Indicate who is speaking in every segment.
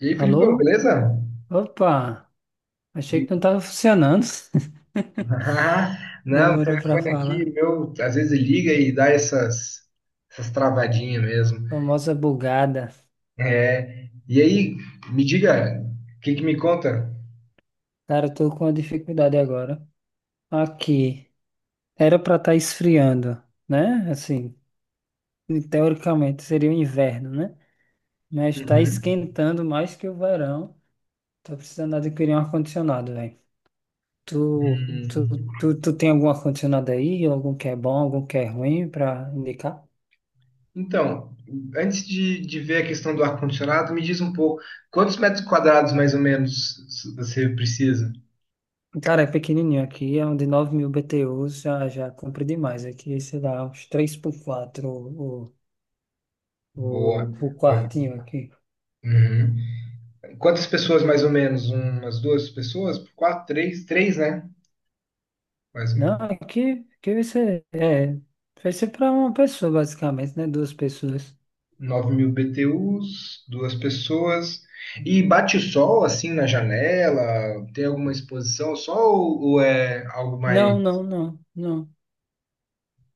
Speaker 1: E aí, Filipão,
Speaker 2: Alô?
Speaker 1: beleza?
Speaker 2: Opa, achei
Speaker 1: E-
Speaker 2: que não estava funcionando.
Speaker 1: Não, o
Speaker 2: Demorou para
Speaker 1: telefone aqui,
Speaker 2: falar.
Speaker 1: meu, às vezes liga e dá essas travadinhas mesmo.
Speaker 2: Famosa bugada.
Speaker 1: É, e aí, me diga, o que que me conta?
Speaker 2: Cara, eu tô com uma dificuldade agora. Aqui, era para estar esfriando, né? Assim, teoricamente seria o inverno, né? Mas tá
Speaker 1: Uhum.
Speaker 2: esquentando mais que o verão. Tô precisando adquirir um ar-condicionado, velho. Tu, tu,
Speaker 1: Hum,
Speaker 2: tu tem algum ar-condicionado aí? Algum que é bom, algum que é ruim para indicar?
Speaker 1: Então, antes de ver a questão do ar-condicionado, me diz um pouco, quantos metros quadrados, mais ou menos, você precisa?
Speaker 2: Cara, é pequenininho aqui, é um de 9.000 BTUs, já cumpre demais aqui, sei lá, uns 3 por 4 o,
Speaker 1: Boa.
Speaker 2: o, o quartinho aqui.
Speaker 1: Uhum. Quantas pessoas, mais ou menos? Umas duas pessoas? Quatro, três? Três, né? Mais
Speaker 2: Não,
Speaker 1: ou
Speaker 2: aqui vai ser para uma pessoa basicamente, né, duas pessoas.
Speaker 1: 9 mil BTUs, duas pessoas. E bate sol assim na janela? Tem alguma exposição ao sol ou é algo mais
Speaker 2: Não, não, não, não.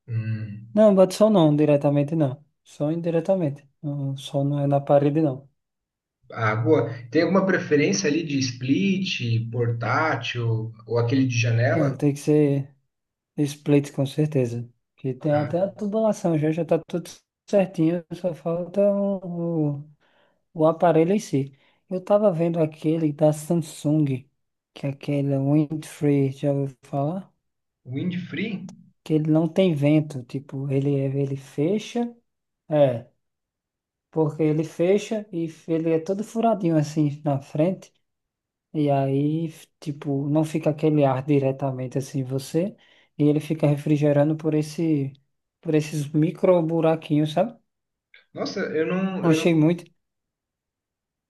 Speaker 1: hum,
Speaker 2: Não, bate sol não, diretamente não, só indiretamente, não, só não é na parede não.
Speaker 1: água? Tem alguma preferência ali de split, portátil ou aquele de
Speaker 2: Não,
Speaker 1: janela?
Speaker 2: tem que ser split com certeza, que tem
Speaker 1: Ah,
Speaker 2: até a tubulação, já tá tudo certinho, só falta o aparelho em si. Eu tava vendo aquele da Samsung, que é aquele Windfree, já ouviu falar?
Speaker 1: wind-free?
Speaker 2: Que ele não tem vento, tipo, ele fecha, é, porque ele fecha e ele é todo furadinho assim na frente, e aí, tipo, não fica aquele ar diretamente assim em você, e ele fica refrigerando por esses micro buraquinhos, sabe?
Speaker 1: Nossa,
Speaker 2: Eu achei muito.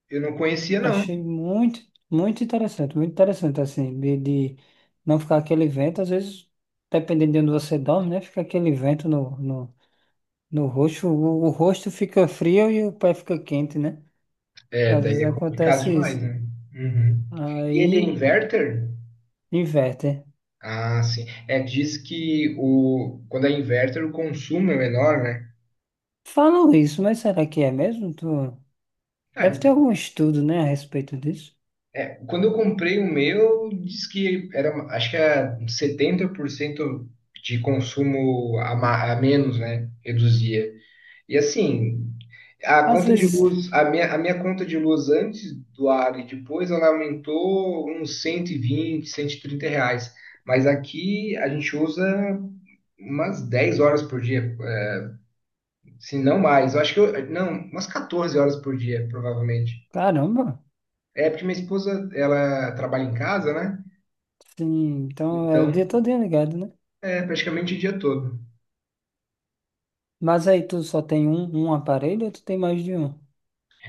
Speaker 1: eu não conhecia não.
Speaker 2: Achei muito, muito interessante, assim, de não ficar aquele vento, às vezes, dependendo de onde você dorme, né? Fica aquele vento no rosto, o rosto fica frio e o pé fica quente, né?
Speaker 1: É,
Speaker 2: Às
Speaker 1: daí
Speaker 2: vezes
Speaker 1: é complicado
Speaker 2: acontece
Speaker 1: demais,
Speaker 2: isso.
Speaker 1: né? Uhum. E ele é
Speaker 2: Aí
Speaker 1: inverter?
Speaker 2: inverte.
Speaker 1: Ah, sim. É, diz que quando é inverter o consumo é menor, né?
Speaker 2: Falam isso, mas será que é mesmo? Tu... Deve
Speaker 1: Cara,
Speaker 2: ter algum estudo, né, a respeito disso.
Speaker 1: é, quando eu comprei o meu, diz que era, acho que era 70% de consumo a menos, né? Reduzia. E assim, a
Speaker 2: Às
Speaker 1: conta de
Speaker 2: vezes,
Speaker 1: luz, a minha conta de luz antes do ar e depois, ela aumentou uns 120, R$ 130. Mas aqui a gente usa umas 10 horas por dia, se não mais. Eu acho que eu, não, umas 14 horas por dia, provavelmente.
Speaker 2: caramba,
Speaker 1: É porque minha esposa, ela trabalha em casa, né?
Speaker 2: sim, então é o
Speaker 1: Então,
Speaker 2: dia todo ligado, né?
Speaker 1: é praticamente o dia todo.
Speaker 2: Mas aí tu só tem um aparelho ou tu tem mais de um?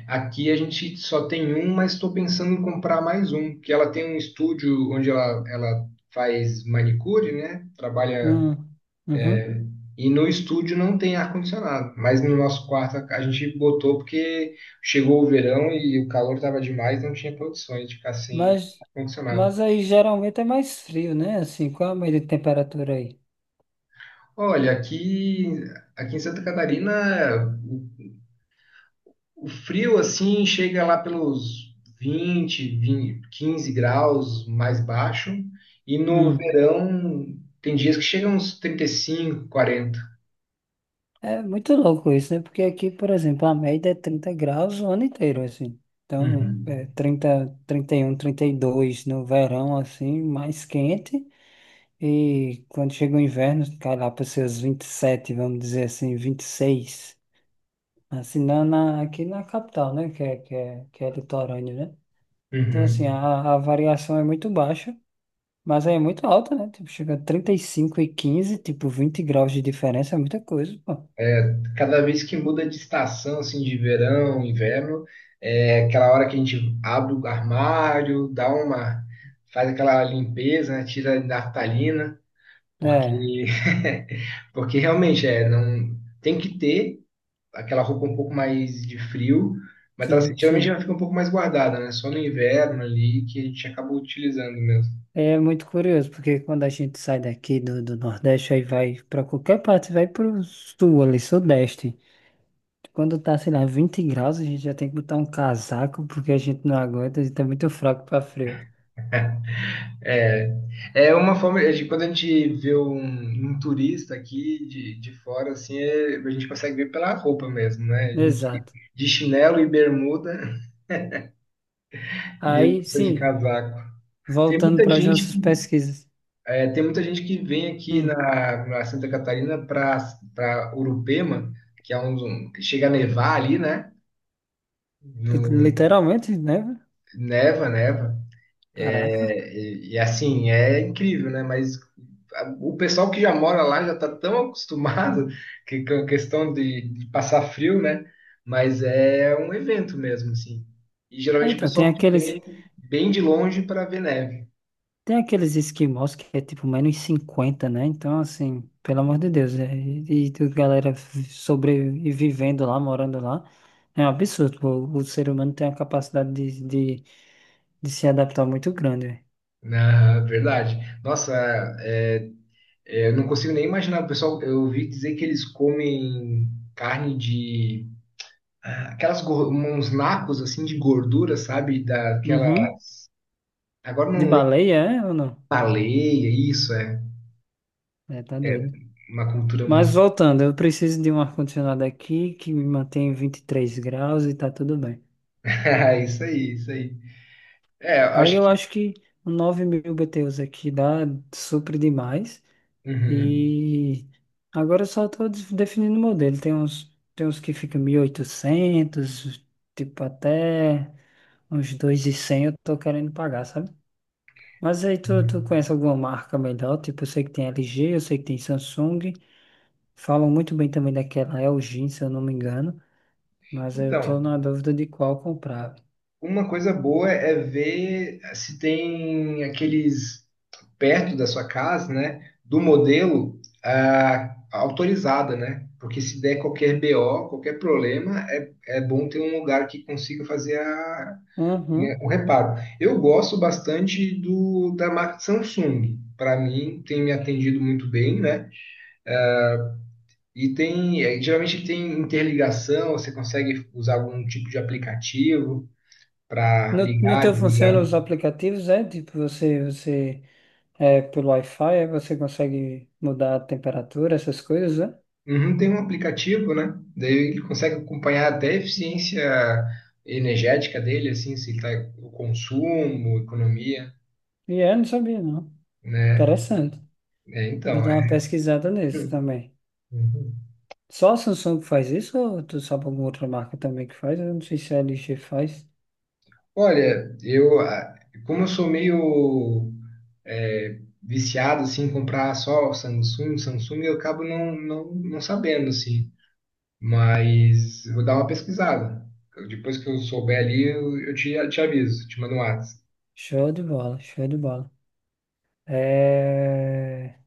Speaker 1: Aqui a gente só tem um, mas estou pensando em comprar mais um, que ela tem um estúdio onde ela faz manicure, né? Trabalha.
Speaker 2: Hum, uhum.
Speaker 1: E no estúdio não tem ar-condicionado, mas no nosso quarto a gente botou porque chegou o verão e o calor estava demais, não tinha condições de ficar sem
Speaker 2: Mas,
Speaker 1: ar-condicionado.
Speaker 2: mas aí geralmente é mais frio, né? Assim, qual a média de temperatura aí?
Speaker 1: Olha, aqui em Santa Catarina. O frio, assim, chega lá pelos 20, 20, 15 graus mais baixo. E no
Speaker 2: Hum.
Speaker 1: verão, tem dias que chega uns 35, 40.
Speaker 2: É muito louco isso, né? Porque aqui, por exemplo, a média é 30 graus o ano inteiro, assim. Então, é
Speaker 1: Uhum.
Speaker 2: 30, 31, 32 no verão, assim, mais quente. E quando chega o inverno, cai lá para os seus 27, vamos dizer assim, 26. Assim, aqui na capital, né? Que é litorâneo, né? Então, assim,
Speaker 1: Uhum.
Speaker 2: a variação é muito baixa. Mas aí é muito alta, né? Tipo, chega a 35 e 15, tipo, 20 graus de diferença é muita coisa, pô.
Speaker 1: Cada vez que muda de estação, assim, de verão, inverno, é aquela hora que a gente abre o armário, dá uma, faz aquela limpeza, né, tira a naftalina,
Speaker 2: É,
Speaker 1: porque, porque realmente é, não tem que ter aquela roupa um pouco mais de frio, mas ela
Speaker 2: sim,
Speaker 1: geralmente
Speaker 2: sim.
Speaker 1: ela fica um pouco mais guardada, né? Só no inverno ali que a gente acaba utilizando mesmo.
Speaker 2: É muito curioso, porque quando a gente sai daqui do Nordeste, aí vai pra qualquer parte, vai pro sul ali, Sudeste. Quando tá, sei lá, 20 graus, a gente já tem que botar um casaco, porque a gente não aguenta, a gente tá muito fraco pra frio.
Speaker 1: É, é uma forma de quando a gente vê um turista aqui de fora, assim, a gente consegue ver pela roupa mesmo, né? A gente
Speaker 2: Exato.
Speaker 1: de chinelo e bermuda e eu
Speaker 2: Aí,
Speaker 1: preciso de
Speaker 2: sim,
Speaker 1: casaco. Tem
Speaker 2: voltando
Speaker 1: muita
Speaker 2: para as
Speaker 1: gente,
Speaker 2: nossas pesquisas.
Speaker 1: tem muita gente que vem aqui
Speaker 2: Hum,
Speaker 1: na Santa Catarina para Urupema, que é chega a nevar ali, né?
Speaker 2: li-
Speaker 1: No,
Speaker 2: literalmente, né?
Speaker 1: Neva, neva.
Speaker 2: Caraca.
Speaker 1: É, e assim, é incrível, né? Mas o pessoal que já mora lá já está tão acostumado que, com a questão de passar frio, né? Mas é um evento mesmo, assim. E
Speaker 2: Ah,
Speaker 1: geralmente o
Speaker 2: então, tem
Speaker 1: pessoal que
Speaker 2: aqueles.
Speaker 1: vem bem de longe para ver neve.
Speaker 2: Tem aqueles esquimós que é tipo -50, né? Então, assim, pelo amor de Deus, e a galera sobrevivendo lá, morando lá, é um absurdo. O ser humano tem uma capacidade de, de se adaptar muito grande, velho.
Speaker 1: Na verdade. Nossa, é, é, eu não consigo nem imaginar. O pessoal, eu ouvi dizer que eles comem carne de. Aquelas, uns nacos assim de gordura, sabe? Daquela.
Speaker 2: Uhum.
Speaker 1: Agora
Speaker 2: De
Speaker 1: não,
Speaker 2: baleia, é ou não?
Speaker 1: Baleia, isso é
Speaker 2: É, tá doido.
Speaker 1: uma cultura
Speaker 2: Mas
Speaker 1: muito.
Speaker 2: voltando, eu preciso de um ar-condicionado aqui que me mantém em 23 graus e tá tudo bem.
Speaker 1: Isso aí, isso aí. É, eu
Speaker 2: Aí
Speaker 1: acho
Speaker 2: eu
Speaker 1: que.
Speaker 2: acho que um 9.000 BTUs aqui dá super demais.
Speaker 1: Uhum.
Speaker 2: E agora eu só estou definindo o modelo. Tem uns que ficam 1.800 tipo até uns 2.100 eu tô querendo pagar, sabe? Mas aí tu
Speaker 1: Uhum.
Speaker 2: conhece alguma marca melhor? Tipo, eu sei que tem LG, eu sei que tem Samsung. Falam muito bem também daquela LG, se eu não me engano. Mas aí eu tô
Speaker 1: Então,
Speaker 2: na dúvida de qual comprar.
Speaker 1: uma coisa boa é ver se tem aqueles perto da sua casa, né, do modelo autorizada, né? Porque se der qualquer BO, qualquer problema, é bom ter um lugar que consiga fazer a, né,
Speaker 2: Uhum.
Speaker 1: o reparo. Eu gosto bastante do da marca Samsung. Para mim, tem me atendido muito bem, né? E tem, é, geralmente tem interligação, você consegue usar algum tipo de aplicativo para
Speaker 2: No
Speaker 1: ligar,
Speaker 2: teu funciona
Speaker 1: desligar.
Speaker 2: os aplicativos, é? Tipo, você pelo Wi-Fi, aí você consegue mudar a temperatura, essas coisas, é?
Speaker 1: Uhum, tem um aplicativo, né? Daí ele consegue acompanhar até a eficiência energética dele, assim, se tá o consumo, economia,
Speaker 2: E é, não sabia, não.
Speaker 1: né?
Speaker 2: Interessante.
Speaker 1: É,
Speaker 2: Vou
Speaker 1: então,
Speaker 2: dar uma
Speaker 1: é.
Speaker 2: pesquisada nesse também.
Speaker 1: Uhum.
Speaker 2: Só a Samsung que faz isso ou tu sabe alguma outra marca também que faz? Eu não sei se a LG faz.
Speaker 1: Olha, como eu sou meio viciado, assim, em comprar só Samsung, Samsung, eu acabo não, não, não sabendo, assim. Mas vou dar uma pesquisada. Depois que eu souber ali, eu te aviso, te mando um WhatsApp.
Speaker 2: Show de bola, show de bola. É...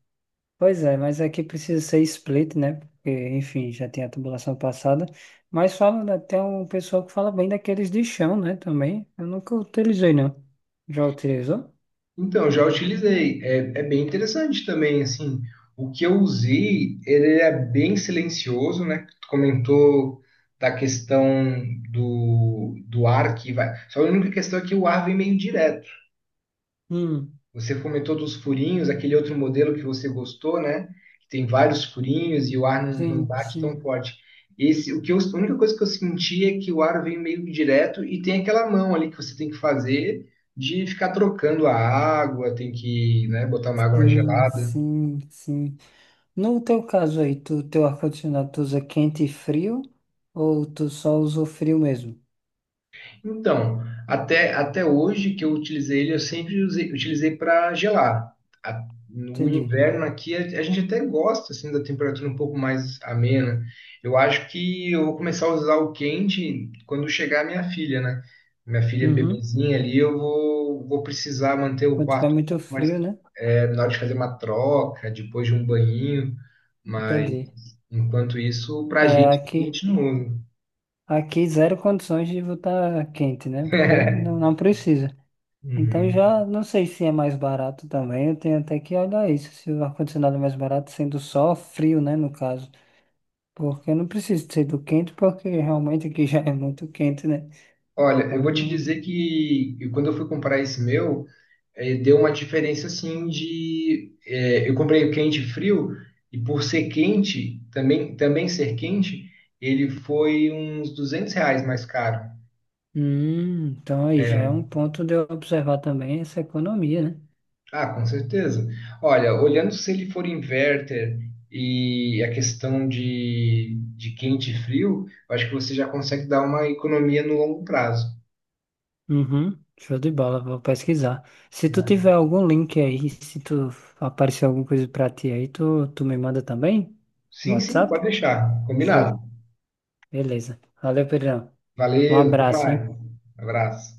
Speaker 2: Pois é, mas aqui precisa ser split, né? Porque, enfim, já tem a tubulação passada. Mas fala, né, tem um pessoal que fala bem daqueles de chão, né? Também. Eu nunca utilizei, não. Já utilizou?
Speaker 1: Então, eu já utilizei. É bem interessante também, assim. O que eu usei, ele é bem silencioso, né? Tu comentou da questão do ar que vai. Só a única questão é que o ar vem meio direto.
Speaker 2: Hum,
Speaker 1: Você comentou dos furinhos, aquele outro modelo que você gostou, né? Que tem vários furinhos e o ar não
Speaker 2: sim,
Speaker 1: bate tão
Speaker 2: sim,
Speaker 1: forte. Esse, a única coisa que eu senti é que o ar vem meio direto e tem aquela mão ali que você tem que fazer de ficar trocando a água, tem que, né, botar uma água mais
Speaker 2: sim,
Speaker 1: gelada.
Speaker 2: sim, sim. No teu caso aí, tu, teu ar-condicionado tu usa quente e frio ou tu só usa o frio mesmo?
Speaker 1: Então, até hoje que eu utilizei ele, eu sempre utilizei para gelar. No
Speaker 2: Entendi.
Speaker 1: inverno aqui, a gente até gosta assim, da temperatura um pouco mais amena. Eu acho que eu vou começar a usar o quente quando chegar minha filha, né? Minha filha é
Speaker 2: Uhum.
Speaker 1: bebezinha ali, eu vou precisar manter o
Speaker 2: Quando tiver
Speaker 1: quarto um
Speaker 2: muito
Speaker 1: pouco mais,
Speaker 2: frio, né?
Speaker 1: na hora de fazer uma troca, depois de um banhinho. Mas,
Speaker 2: Entendi.
Speaker 1: enquanto isso, para
Speaker 2: É,
Speaker 1: a
Speaker 2: aqui,
Speaker 1: gente não
Speaker 2: aqui zero condições de botar quente, né?
Speaker 1: usa.
Speaker 2: Porque não, não precisa. Então
Speaker 1: Uhum.
Speaker 2: já não sei se é mais barato também. Eu tenho até que olhar isso, se o ar-condicionado é mais barato, sendo só frio, né? No caso. Porque eu não preciso ser do quente, porque realmente aqui já é muito quente, né?
Speaker 1: Olha, eu
Speaker 2: Então,
Speaker 1: vou te dizer
Speaker 2: não.
Speaker 1: que quando eu fui comprar esse meu, deu uma diferença assim de. Eu comprei o quente e frio, e por ser quente, também ser quente, ele foi uns R$ 200 mais caro.
Speaker 2: Então aí já é um
Speaker 1: É.
Speaker 2: ponto de eu observar também essa economia, né?
Speaker 1: Ah, com certeza. Olha, olhando se ele for inverter e a questão de quente e frio, eu acho que você já consegue dar uma economia no longo prazo,
Speaker 2: Uhum, show de bola, vou pesquisar. Se tu
Speaker 1: né?
Speaker 2: tiver algum link aí, se tu aparecer alguma coisa pra ti aí, tu me manda também no
Speaker 1: Sim, sim,
Speaker 2: WhatsApp?
Speaker 1: pode deixar.
Speaker 2: Show,
Speaker 1: Combinado.
Speaker 2: beleza. Valeu, Pedrão. Um
Speaker 1: Valeu, até
Speaker 2: abraço,
Speaker 1: mais.
Speaker 2: viu?
Speaker 1: Abraço.